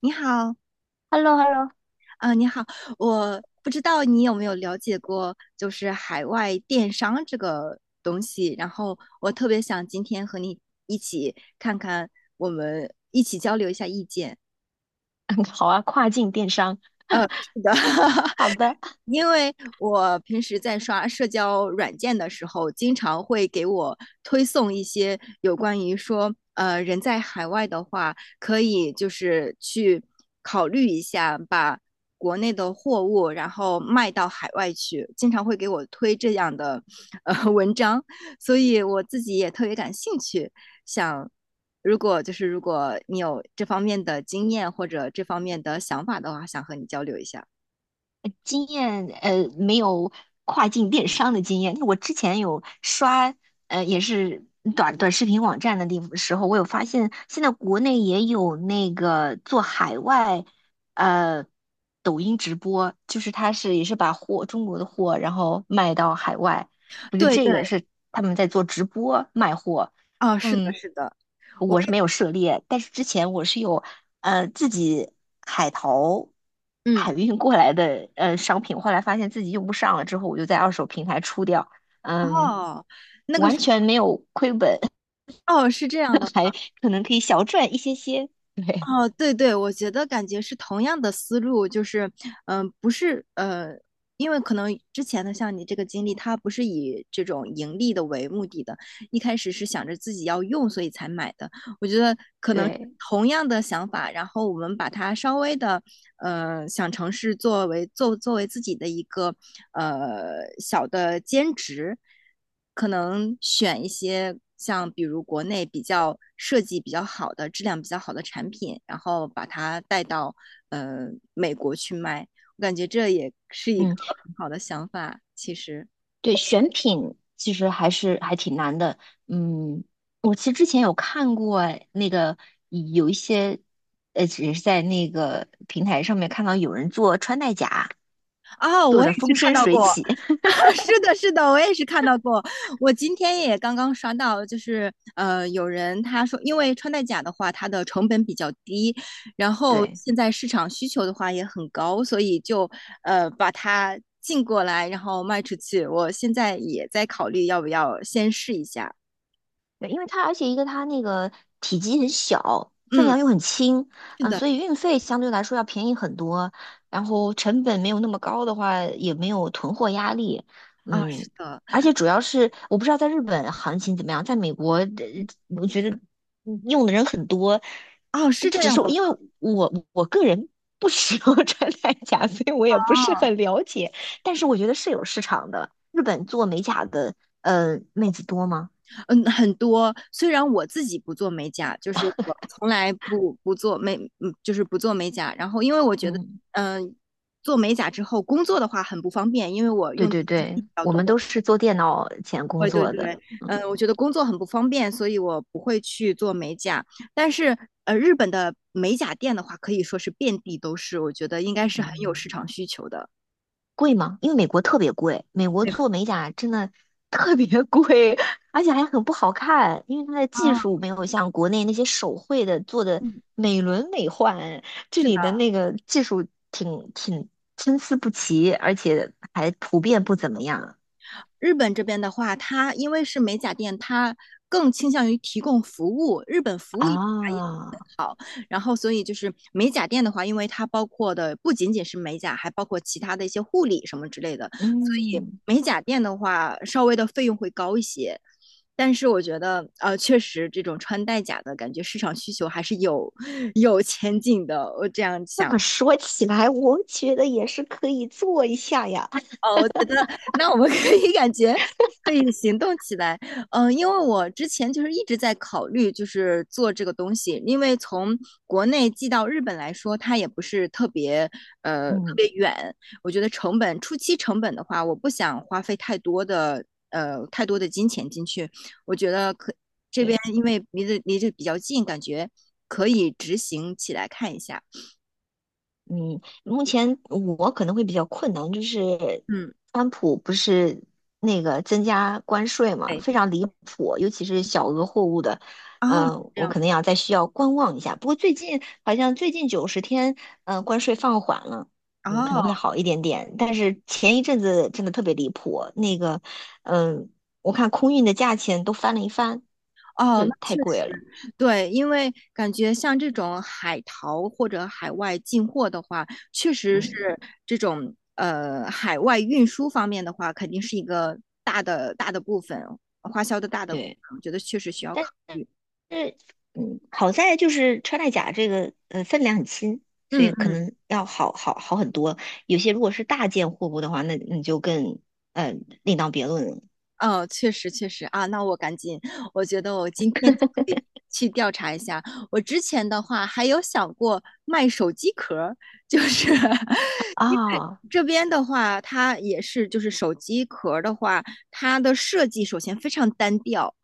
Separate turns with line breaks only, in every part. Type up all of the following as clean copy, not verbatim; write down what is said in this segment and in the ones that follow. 你好，
Hello Hello
啊、你好，我不知道你有没有了解过，就是海外电商这个东西。然后我特别想今天和你一起看看，我们一起交流一下意见。
好啊，跨境电商，
是的，
好 的。
因为我平时在刷社交软件的时候，经常会给我推送一些有关于说，人在海外的话，可以就是去考虑一下，把国内的货物然后卖到海外去，经常会给我推这样的文章，所以我自己也特别感兴趣，想如果就是如果你有这方面的经验或者这方面的想法的话，想和你交流一下。
经验没有跨境电商的经验。我之前有刷也是短视频网站的地方时候，我有发现现在国内也有那个做海外呃抖音直播，就是他是也是把货中国的货然后卖到海外，我觉得
对
这
对。
个是他们在做直播卖货。
哦，是的，
嗯。
是的，我
我是没有
也
涉猎，但是之前我是有自己海淘
嗯，
海运过来的商品，后来发现自己用不上了，之后我就在二手平台出掉，嗯，
哦，那个
完
是
全没有亏本。
哦，是这样的，
还可能可以小赚一些些。对
哦，对对，我觉得感觉是同样的思路，就是不是因为可能之前的像你这个经历，它不是以这种盈利的为目的的，一开始是想着自己要用，所以才买的。我觉得可能
对，
同样的想法，然后我们把它稍微的想尝试作为作为自己的一个小的兼职，可能选一些像比如国内比较设计比较好的、质量比较好的产品，然后把它带到呃美国去卖。我感觉这也是一个
嗯，
很好的想法，其实。
对，选品其实还是还挺难的。嗯，我其实之前有看过那个有一些。只是在那个平台上面看到有人做穿戴甲，
哦，
做
我也
的
是
风
看
生
到
水
过，
起。
是的，是的，我也是看到过。我今天也刚刚刷到，就是有人他说，因为穿戴甲的话，它的成本比较低，然后
对，
现在市场需求的话也很高，所以就把它进过来，然后卖出去。我现在也在考虑要不要先试一下。
对，因为它而且一个它那个体积很小，分
嗯，
量又很轻。
是
嗯，
的，
所以运费相对来说要便宜很多，然后成本没有那么高的话，也没有囤货压力。
啊，是
嗯，
的，
而且主要是我不知道在日本行情怎么样。在美国，我觉得用的人很多，
哦，是这
只
样
是
的吗？
因为我个人不使用 穿戴甲，所以我也不是很了解，但是我觉得是有市场的。日本做美甲的，妹子多吗？
嗯，很多。虽然我自己不做美甲，就是我从来不不做美，嗯，就是不做美甲。然后，因为我觉得，
嗯。
嗯、做美甲之后工作的话很不方便，因为我
对
用，
对对，我们都是做电脑前工
对对
作的。
对，
嗯，
我觉得工作很不方便，所以我不会去做美甲。但是，日本的美甲店的话，可以说是遍地都是，我觉得应该是很有市
嗯，
场需求的。
贵吗？因为美国特别贵，美国
对，
做美甲真的 特别贵，而且还很不好看，因为它的技
啊，
术没有像国内那些手绘的做的
嗯是的。
美轮美奂，这里的那个技术挺参差不齐，而且还普遍不怎么样
日本这边的话，它因为是美甲店，它更倾向于提供服务，日本服务业也
啊。
好。然后，所以就是美甲店的话，因为它包括的不仅仅是美甲，还包括其他的一些护理什么之类的，所以
嗯，
美甲店的话，稍微的费用会高一些。但是我觉得，确实这种穿戴甲的感觉市场需求还是有 有前景的，我这样
那
想。
么说起来，我觉得也是可以做一下呀。
哦，我觉得那我们 可以感觉可以行动起来。因为我之前就是一直在考虑，就是做这个东西，因为从国内寄到日本来说，它也不是特别呃特
嗯。
别远。我觉得成本初期成本的话，我不想花费太多的金钱进去。我觉得这边
对。
因为离这比较近，感觉可以执行起来看一下。
嗯，目前我可能会比较困难，就是
嗯，
川普不是那个增加关税嘛，
对，
非常离谱，尤其是小额货物的。
哦，
嗯，
这
我
样，
可能要再需要观望一下。不过最近好像最近90天，嗯，关税放缓了。嗯，可能
哦
会好一点点。但是前一阵子真的特别离谱。嗯，我看空运的价钱都翻了一番，
哦，
就
那
太
确
贵
实。
了。
对，因为感觉像这种海淘或者海外进货的话，确实是
嗯，
这种海外运输方面的话，肯定是一个大的部分，花销的大的部
对。
分，我觉得确实需要
但
考虑。
是，嗯，好在就是穿戴甲这个分量很轻，所以可
嗯，
能要好很多。有些如果是大件货物的话，那你就更呃另当别论了。
哦，确实确实啊，那我赶紧，我觉得我今天就可以去调查一下。我之前的话还有想过卖手机壳儿，就是 因为
啊。
这边的话，它也是就是手机壳儿的话，它的设计首先非常单调，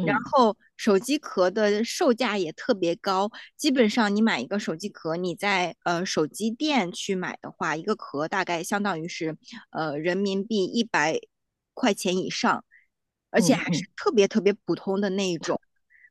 然后手机壳的售价也特别高，基本上你买一个手机壳，你在手机店去买的话，一个壳大概相当于是人民币一百块钱以上，而且
嗯
还是
嗯，
特别特别普通的那一种，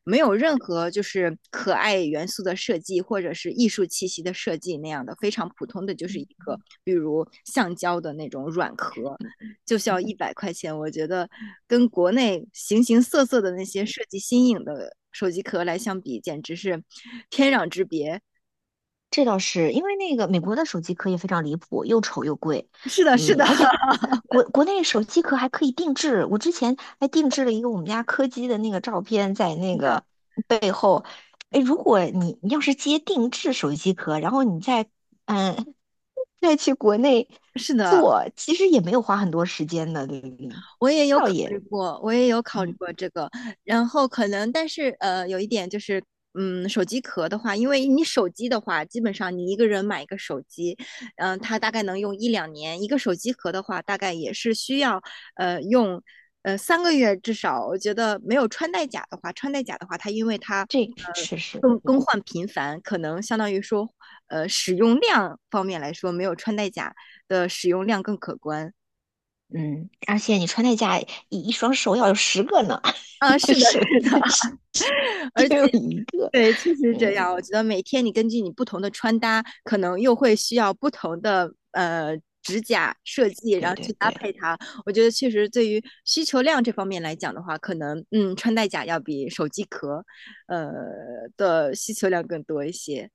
没有任何就是可爱元素的设计或者是艺术气息的设计那样的，非常普通的就是一
嗯
个比如橡胶的那种软壳。就需要一百块钱，我觉得跟国内形形色色的那些设计新颖的手机壳来相比，简直是天壤之别。
这倒是因为那个美国的手机壳也非常离谱，又丑又贵。
是的，是
嗯，
的，
而且 国内手机壳还可以定制，我之前还定制了一个我们家柯基的那个照片在那个背后。哎，如果你要是接定制手机壳，然后你嗯再去国内
是的，
做，其实也没有花很多时间的，对不对？
我也有
倒
考
也
虑过，我也有考虑
嗯，
过这个，然后可能，但是有一点就是，手机壳的话，因为你手机的话，基本上你一个人买一个手机，它大概能用一两年，一个手机壳的话，大概也是需要用3个月至少。我觉得没有穿戴甲的话，穿戴甲的话，它因为它
这个是
呃
是。
更更换频繁，可能相当于说使用量方面来说，没有穿戴甲的使用量更可观。
嗯，而且你穿戴甲一双手要有10个呢，
啊，是 的，
手
是
机
的，
只有一个。
对，确实是这
嗯，
样。我觉得每天你根据你不同的穿搭，可能又会需要不同的指甲设计，然
对
后去
对
搭配
对，
它。我觉得确实对于需求量这方面来讲的话，可能穿戴甲要比手机壳呃的需求量更多一些。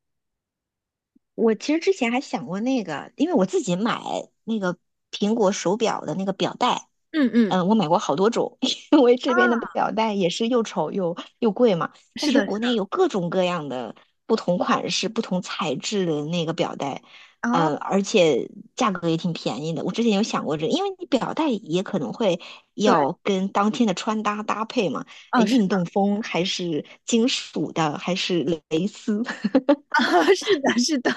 我其实之前还想过那个，因为我自己买那个苹果手表的那个表带。
嗯嗯，
嗯，我买过好多种，因为这边的表带也是又丑又贵嘛。但
是的，
是国
是
内
的，
有各种各样的不同款式、不同材质的那个表带。嗯，
啊，
而且价格也挺便宜的。我之前有想过这个因为你表带也可能会
对，
要跟当天的穿搭搭配嘛，
哦，
运动风还是金属的，还是蕾丝，
啊，是的，是的，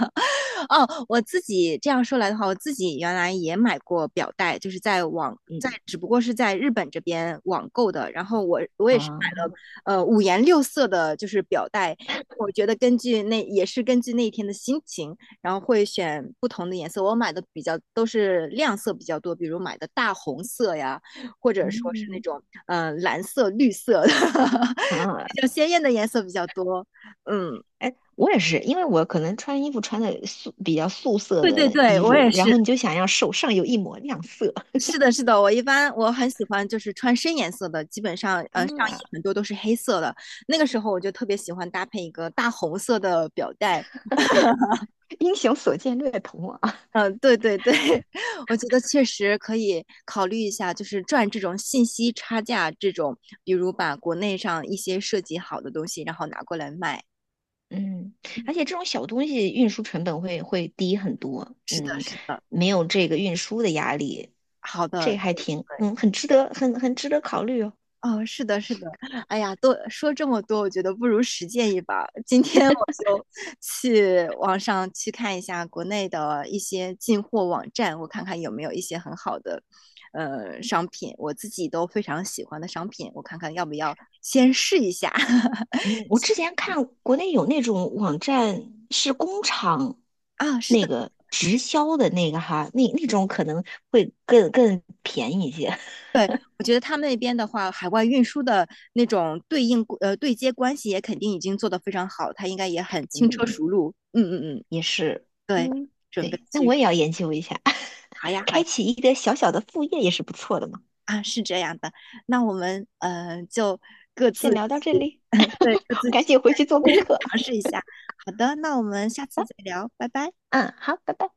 哦，我自己这样说来的话，我自己原来也买过表带，就是在网，在
嗯
只不过是在日本这边网购的。然后我也是买
啊。
了，五颜六色的，就是表带。我觉得根据那也是根据那一天的心情，然后会选不同的颜色。我买的比较都是亮色比较多，比如买的大红色呀，或者说是那
嗯
种蓝色、绿色的
啊，
比较鲜艳的颜色比较多。嗯。
哎，我也是，因为我可能穿衣服穿的比较素色
对对
的
对，
衣
我也
服，然
是。
后你就想要手上有一抹亮色
是的，是的，我一般很喜欢就是穿深颜色的，基本上上衣
啊。
很多都是黑色的。那个时候我就特别喜欢搭配一个大红色的表带。
英雄所见略同啊。
对对对，我觉得确实可以考虑一下，就是赚这种信息差价这种，比如把国内上一些设计好的东西，然后拿过来卖。
嗯，而且这种小东西运输成本会低很多。
是的，
嗯，
是的，
没有这个运输的压力。
好的，
这还
对
挺，
对。
嗯，很值得，很值得考虑哦。
哦，是的，是的，哎呀，多说这么多，我觉得不如实践一把今天我就去网上去看一下国内的一些进货网站，我看看有没有一些很好的，商品，我自己都非常喜欢的商品，我看看要不要先试一下。
嗯，我之前看国内有那种网站是工厂
啊，是
那
的，
个直销的那个哈，那种可能会更便宜一些。
对，我觉得他们那边的话，海外运输的那种对应呃对接关系也肯定已经做得非常好，他应该也很轻车
嗯，
熟路。嗯嗯嗯，
也是。
对，
嗯，
准备
对，那
去，
我也要研究一下，
好呀。好
开
呀
启一个小小的副业也是不错的嘛。
啊，是这样的，那我们就自
先聊到这里，
对就
我
自
赶
己
紧回去做功 课。
尝试一下。好的，那我们下次再聊，拜拜。
嗯，好，拜拜。